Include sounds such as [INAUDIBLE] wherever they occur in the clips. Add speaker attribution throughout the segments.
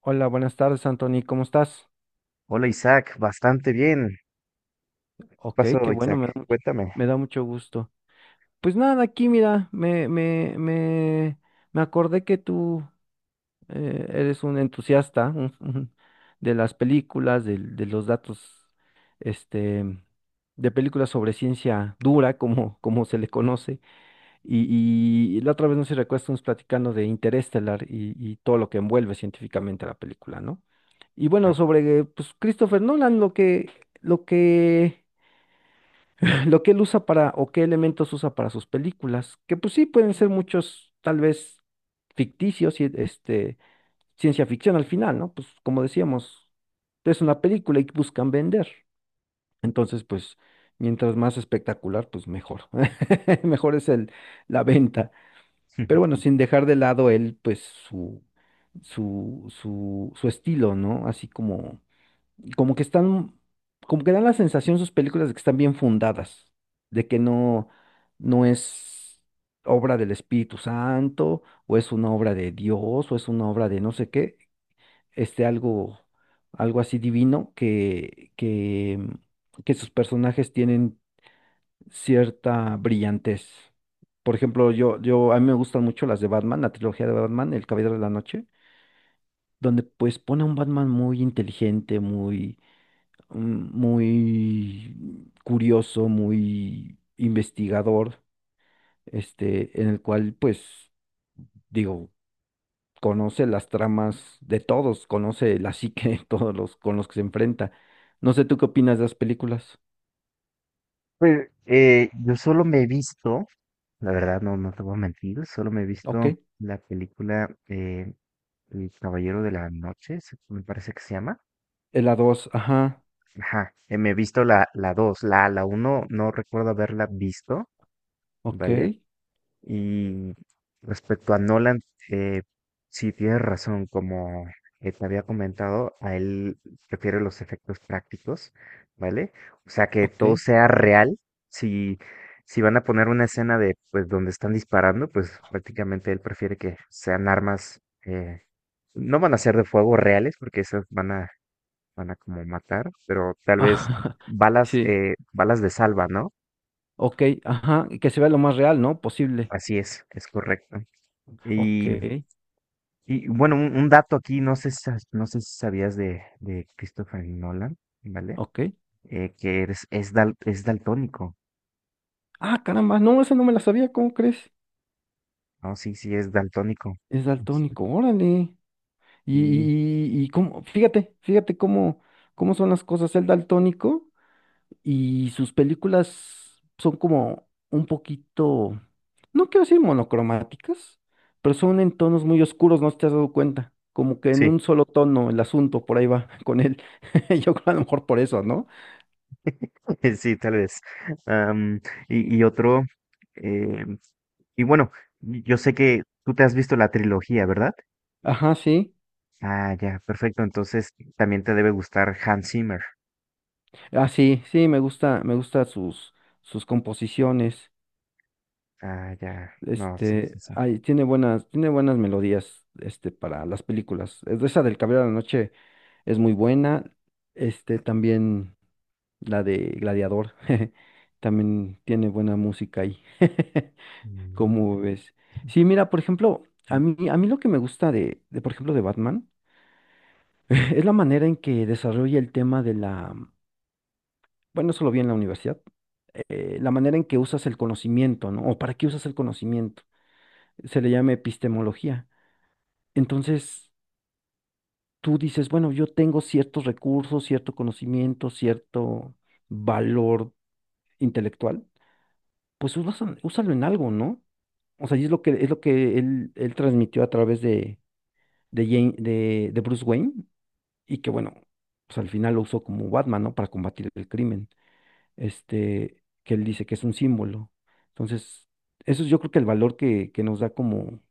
Speaker 1: Hola, buenas tardes, Anthony, ¿cómo estás?
Speaker 2: Hola Isaac, bastante bien. ¿Qué
Speaker 1: Ok,
Speaker 2: pasó,
Speaker 1: qué bueno,
Speaker 2: Isaac? Cuéntame.
Speaker 1: me da mucho gusto. Pues nada, aquí mira, me acordé que tú eres un entusiasta de las películas, de los datos, este, de películas sobre ciencia dura, como se le conoce. Y la otra vez, no sé si recuerdas, estamos platicando de Interestelar y, todo lo que envuelve científicamente la película, ¿no? Y bueno,
Speaker 2: Ah.
Speaker 1: sobre pues, Christopher Nolan, lo que, [CLEARS THROAT] lo que él usa para, o qué elementos usa para sus películas, que pues sí pueden ser muchos, tal vez ficticios y ciencia ficción al final, ¿no? Pues como decíamos, es una película y buscan vender. Entonces, pues, mientras más espectacular, pues mejor. [LAUGHS] Mejor es la venta. Pero bueno, sin
Speaker 2: [LAUGHS]
Speaker 1: dejar de lado él, pues su estilo, ¿no? Así como que están, como que dan la sensación sus películas de que están bien fundadas, de que no es obra del Espíritu Santo, o es una obra de Dios, o es una obra de no sé qué, este algo, algo así divino que, que sus personajes tienen cierta brillantez. Por ejemplo, a mí me gustan mucho las de Batman, la trilogía de Batman, El Caballero de la Noche, donde pues pone a un Batman muy inteligente, muy curioso, muy investigador, en el cual pues, digo, conoce las tramas de todos, conoce la psique de todos los con los que se enfrenta. No sé, ¿tú qué opinas de las películas?
Speaker 2: Pues yo solo me he visto, la verdad no, no te voy a mentir, solo me he
Speaker 1: Ok,
Speaker 2: visto la película El Caballero de la Noche, me parece que se llama.
Speaker 1: en la 2, ajá,
Speaker 2: Ajá, me he visto la 2, la uno no recuerdo haberla visto,
Speaker 1: ok,
Speaker 2: ¿vale? Y respecto a Nolan, eh, sí tienes razón, como te había comentado, a él prefiere los efectos prácticos, ¿vale? O sea, que
Speaker 1: ok.
Speaker 2: todo sea real. Si, si van a poner una escena de, pues, donde están disparando, pues prácticamente él prefiere que sean armas, no van a ser de fuego reales, porque esas van a, van a como matar, pero tal vez
Speaker 1: Ajá, [LAUGHS]
Speaker 2: balas,
Speaker 1: sí,
Speaker 2: balas de salva, ¿no?
Speaker 1: ok, ajá, y que se vea lo más real, ¿no? Posible.
Speaker 2: Así es correcto.
Speaker 1: Ok,
Speaker 2: Y Y bueno, un dato aquí, no sé, no sé si sabías de Christopher Nolan, ¿vale?
Speaker 1: ok.
Speaker 2: Que es daltónico,
Speaker 1: Ah, caramba, no, esa no me la sabía, ¿cómo crees?
Speaker 2: ¿no? Sí, sí, es daltónico.
Speaker 1: Es
Speaker 2: Este,
Speaker 1: daltónico, órale.
Speaker 2: sí,
Speaker 1: Y cómo, fíjate cómo son las cosas. El daltónico y sus películas son como un poquito, no quiero decir monocromáticas, pero son en tonos muy oscuros, no sé si te has dado cuenta. Como que en
Speaker 2: sí,
Speaker 1: un solo tono el asunto, por ahí va [LAUGHS] con él. [LAUGHS] Yo creo a lo mejor por eso, ¿no?
Speaker 2: [LAUGHS] sí, tal vez. Am, y otro, eh, y bueno, yo sé que tú te has visto la trilogía, ¿verdad?
Speaker 1: Ajá, sí.
Speaker 2: Ah, ya, perfecto. Entonces también te debe gustar Hans Zimmer.
Speaker 1: Ah, sí, sí, me gusta sus composiciones.
Speaker 2: Ah, ya, no, sí, sí, sí.
Speaker 1: Ay, tiene buenas melodías, para las películas. Es de Esa del Caballero de la Noche es muy buena. También la de Gladiador, [LAUGHS] también tiene buena música ahí. [LAUGHS]
Speaker 2: Mm,
Speaker 1: ¿Cómo ves? Sí, mira, por ejemplo, a
Speaker 2: mm.
Speaker 1: mí, a mí lo que me gusta por ejemplo, de Batman, [LAUGHS] es la manera en que desarrolla el tema de la. Bueno, eso lo vi en la universidad. La manera en que usas el conocimiento, ¿no? O para qué usas el conocimiento. Se le llama epistemología. Entonces, tú dices, bueno, yo tengo ciertos recursos, cierto conocimiento, cierto valor intelectual, pues úsalo en algo, ¿no? O sea, y es lo que él transmitió a través de Bruce Wayne y que, bueno, pues al final lo usó como Batman, ¿no? Para combatir el crimen, este, que él dice que es un símbolo. Entonces, eso es yo creo que el valor que nos da como,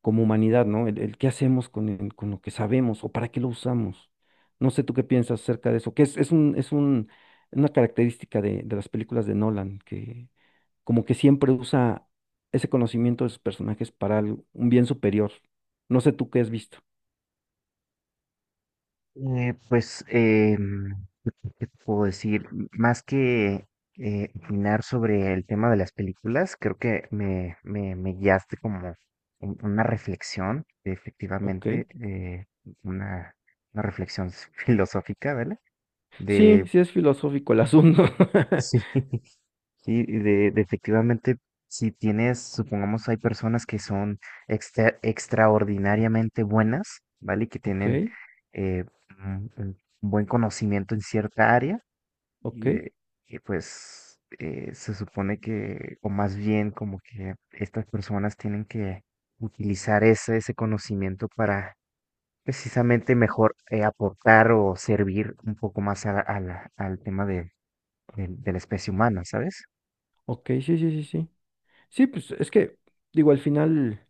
Speaker 1: como humanidad, ¿no? El qué hacemos con, con lo que sabemos o para qué lo usamos. No sé tú qué piensas acerca de eso, que una característica de las películas de Nolan, que como que siempre usa ese conocimiento de sus personajes para un bien superior. No sé tú qué has visto.
Speaker 2: Eh, pues, em, ¿Qué te puedo decir? Más que opinar sobre el tema de las películas, creo que me guiaste como una reflexión,
Speaker 1: Ok.
Speaker 2: efectivamente, una, una reflexión [LAUGHS] filosófica, ¿vale?
Speaker 1: Sí,
Speaker 2: De,
Speaker 1: sí es filosófico el asunto. [LAUGHS]
Speaker 2: sí, [LAUGHS] sí, de efectivamente, si tienes, supongamos, hay personas que son extraordinariamente buenas, ¿vale? Que
Speaker 1: Ok,
Speaker 2: tienen eh, un un buen conocimiento en cierta área
Speaker 1: ok,
Speaker 2: y, que pues se supone que, o más bien como que estas personas tienen que utilizar ese conocimiento para precisamente mejor aportar o servir un poco más a al tema de, de la especie humana, ¿sabes?
Speaker 1: ok, sí, sí, sí, sí. Sí, pues es que, digo, al final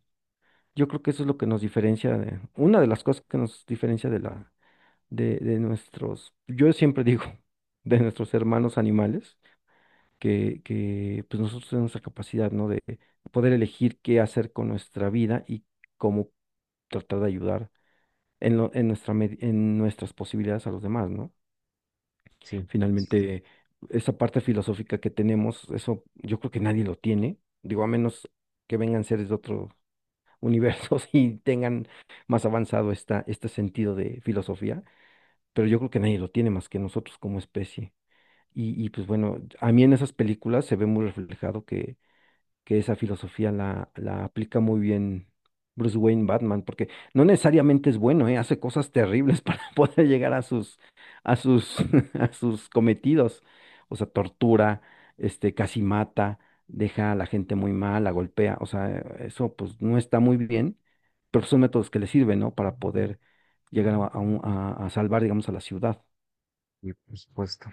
Speaker 1: yo creo que eso es lo que nos diferencia de, una de las cosas que nos diferencia de nuestros, yo siempre digo, [LAUGHS] de nuestros hermanos animales, que pues nosotros tenemos la capacidad, ¿no? De poder elegir qué hacer con nuestra vida y cómo tratar de ayudar en en nuestras posibilidades a los demás, ¿no?
Speaker 2: Sí, sí,
Speaker 1: Finalmente, esa parte filosófica que tenemos, eso yo creo que nadie lo tiene, digo, a menos que vengan seres de otro universos [LAUGHS] y tengan más avanzado este sentido de filosofía, pero yo creo que nadie lo tiene más que nosotros como especie. Y pues bueno, a mí en esas películas se ve muy reflejado que esa filosofía la aplica muy bien Bruce Wayne Batman, porque no necesariamente es bueno, ¿eh? Hace cosas terribles [LAUGHS] para poder llegar a sus, a sus, [LAUGHS] a sus cometidos. O sea, tortura, casi mata, deja a la gente muy mal, la golpea. O sea, eso pues no está muy bien, pero son métodos que le sirven, ¿no? Para poder llegar a salvar, digamos, a la ciudad.
Speaker 2: sí, por supuesto.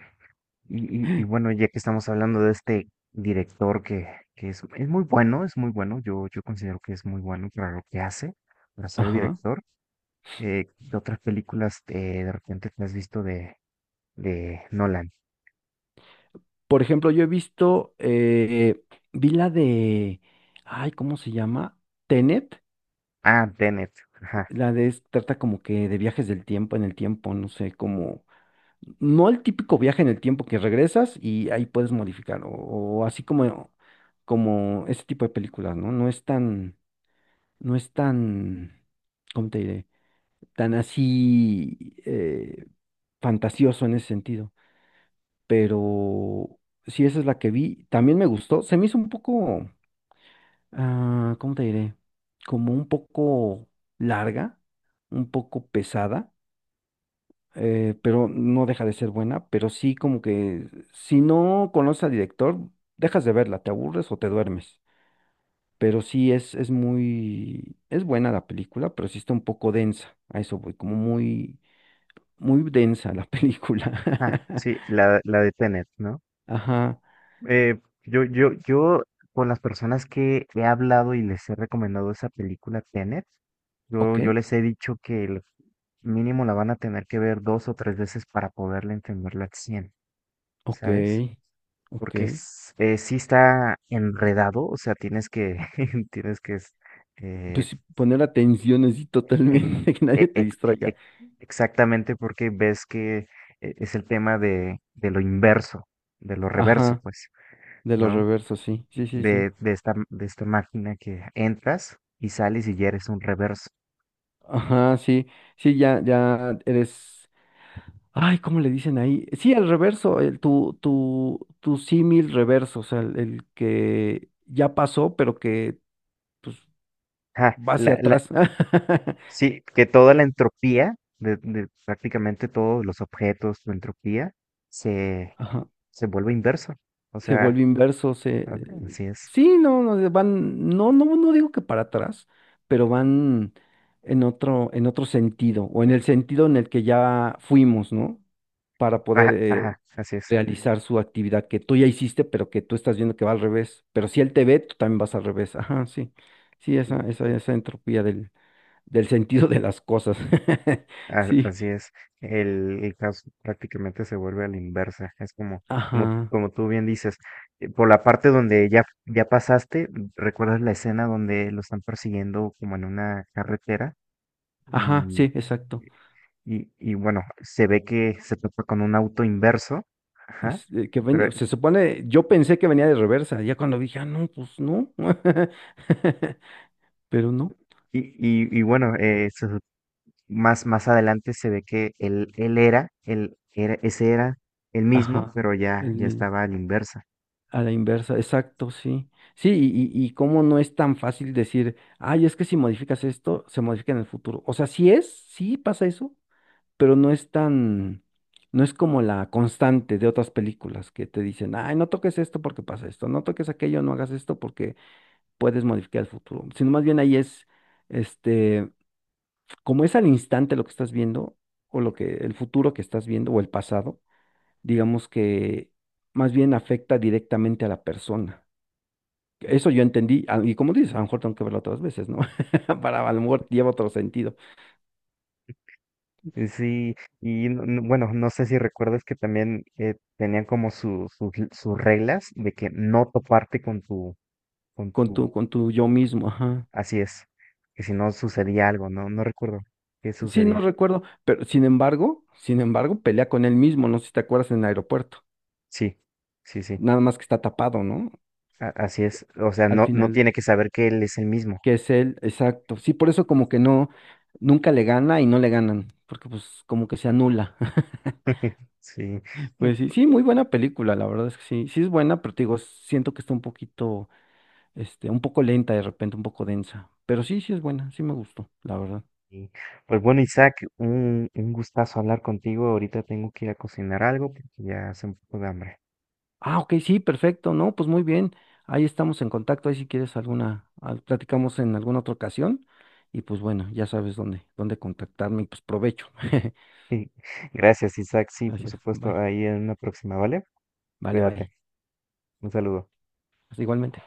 Speaker 2: Y, y bueno, ya que estamos hablando de este director que es muy bueno, yo considero que es muy bueno para lo que hace, para ser
Speaker 1: Ajá.
Speaker 2: director. ¿Qué otras películas de repente te has visto de Nolan?
Speaker 1: Por ejemplo, yo he visto, vi la de, ay, ¿cómo se llama? Tenet,
Speaker 2: Ah, Tenet. Ajá.
Speaker 1: trata como que de viajes del tiempo en el tiempo, no sé, no el típico viaje en el tiempo que regresas y ahí puedes modificar, o así como ese tipo de películas, ¿no? No es tan, ¿Cómo te diré? Tan así fantasioso en ese sentido, pero sí, esa es la que vi, también me gustó, se me hizo un poco. Ah, ¿cómo te diré? Como un poco larga, un poco pesada, pero no deja de ser buena, pero sí como que si no conoces al director, dejas de verla, te aburres o te duermes. Pero sí es buena la película, pero sí está un poco densa, a eso voy, como muy, muy densa la película.
Speaker 2: Ah, sí, la de Tenet, ¿no?
Speaker 1: [LAUGHS] Ajá,
Speaker 2: Eh, yo, yo, yo, con las personas que he hablado y les he recomendado esa película Tenet,
Speaker 1: ok,
Speaker 2: yo les he dicho que el mínimo la van a tener que ver dos o tres veces para poderle entenderla al 100,
Speaker 1: ok,
Speaker 2: ¿sabes?
Speaker 1: ok.
Speaker 2: Porque sí está enredado, o sea, tienes que, [LAUGHS] tienes que s- eh,
Speaker 1: Pues sí, poner atención así
Speaker 2: Ex-
Speaker 1: totalmente, [LAUGHS] que nadie
Speaker 2: e-
Speaker 1: te
Speaker 2: ex-
Speaker 1: distraiga.
Speaker 2: ex- Exactamente porque ves que es el tema de lo inverso, de lo reverso,
Speaker 1: Ajá.
Speaker 2: pues,
Speaker 1: De los
Speaker 2: ¿no?
Speaker 1: reversos, sí, sí, sí, sí.
Speaker 2: De esta máquina que entras y sales y ya eres un reverso.
Speaker 1: Ajá, sí, sí, ya, ya eres. Ay, ¿cómo le dicen ahí? Sí, el reverso, tu símil reverso, o sea, el que ya pasó, pero que pues
Speaker 2: Ja,
Speaker 1: va hacia
Speaker 2: la, la,
Speaker 1: atrás. [LAUGHS]
Speaker 2: sí, que toda la entropía de prácticamente todos los objetos, su entropía, se,
Speaker 1: Ajá.
Speaker 2: se vuelve inverso. O
Speaker 1: Se
Speaker 2: sea,
Speaker 1: vuelve inverso, se.
Speaker 2: a- así es.
Speaker 1: Sí, no, no, no, no, no digo que para atrás, pero van en otro sentido, o en el sentido en el que ya fuimos, ¿no? Para poder
Speaker 2: Ajá, ajá, así es.
Speaker 1: realizar su actividad que tú ya hiciste, pero que tú estás viendo que va al revés. Pero si él te ve, tú también vas al revés. Ajá, sí. Sí, esa,
Speaker 2: Sí.
Speaker 1: esa, esa entropía del sentido de las cosas. [LAUGHS] Sí.
Speaker 2: Así es, el caso prácticamente se vuelve a la inversa, es como, como,
Speaker 1: Ajá.
Speaker 2: como tú bien dices, por la parte donde ya, ya pasaste, recuerdas la escena donde lo están persiguiendo como en una carretera
Speaker 1: Ajá, sí,
Speaker 2: y,
Speaker 1: exacto.
Speaker 2: y bueno, se ve que se topa con un auto inverso, ajá, pero,
Speaker 1: Se supone, yo pensé que venía de reversa, ya cuando dije, ah, no, pues no, [LAUGHS] pero no,
Speaker 2: y bueno, se más, más adelante se ve que él, él era, ese era el mismo,
Speaker 1: ajá,
Speaker 2: pero ya,
Speaker 1: el
Speaker 2: ya
Speaker 1: mismo,
Speaker 2: estaba a la inversa.
Speaker 1: a la inversa, exacto, sí, sí, y cómo no es tan fácil decir, ay, es que si modificas esto, se modifica en el futuro, o sea, sí pasa eso, pero no es como la constante de otras películas que te dicen, ay, no toques esto porque pasa esto, no toques aquello, no hagas esto porque puedes modificar el futuro, sino más bien ahí es, este como es al instante lo que estás viendo, el futuro que estás viendo, o el pasado, digamos que más bien afecta directamente a la persona. Eso yo entendí, y como dices, a lo mejor tengo que verlo otras veces, ¿no? [LAUGHS] Para, a lo mejor lleva otro sentido,
Speaker 2: Y sí, y bueno, no sé si recuerdas que también tenían como sus sus reglas de que no toparte con tu,
Speaker 1: con tu yo mismo, ajá.
Speaker 2: así es, que si no sucedía algo, no, no recuerdo qué
Speaker 1: Sí, no
Speaker 2: sucedía.
Speaker 1: recuerdo, pero sin embargo, pelea con él mismo, no sé si te acuerdas en el aeropuerto,
Speaker 2: Sí, sí, sí,
Speaker 1: nada más que está tapado, ¿no?
Speaker 2: así es, o sea,
Speaker 1: Al
Speaker 2: no, no
Speaker 1: final,
Speaker 2: tiene que saber que él es el mismo.
Speaker 1: que es él, exacto. Sí, por eso como que no, nunca le gana y no le ganan, porque pues como que se anula. [LAUGHS]
Speaker 2: [LAUGHS] Sí,
Speaker 1: Pues sí, sí, muy buena película, la verdad es que sí, sí es buena, pero te digo, siento que está un poquito, un poco lenta de repente, un poco densa, pero sí, sí es buena, sí me gustó, la verdad.
Speaker 2: y, pues bueno, Isaac, un gustazo hablar contigo, ahorita tengo que ir a cocinar algo porque ya hace un poco de hambre.
Speaker 1: Ah, ok, sí, perfecto, no, pues muy bien, ahí estamos en contacto, ahí si quieres platicamos en alguna otra ocasión, y pues bueno, ya sabes dónde contactarme, y pues provecho. [LAUGHS]
Speaker 2: [LAUGHS] Gracias, Isaac, sí, por
Speaker 1: Gracias,
Speaker 2: supuesto,
Speaker 1: bye,
Speaker 2: ahí en una próxima, ¿vale?
Speaker 1: vale,
Speaker 2: Cuídate.
Speaker 1: bye,
Speaker 2: Un saludo.
Speaker 1: pues igualmente.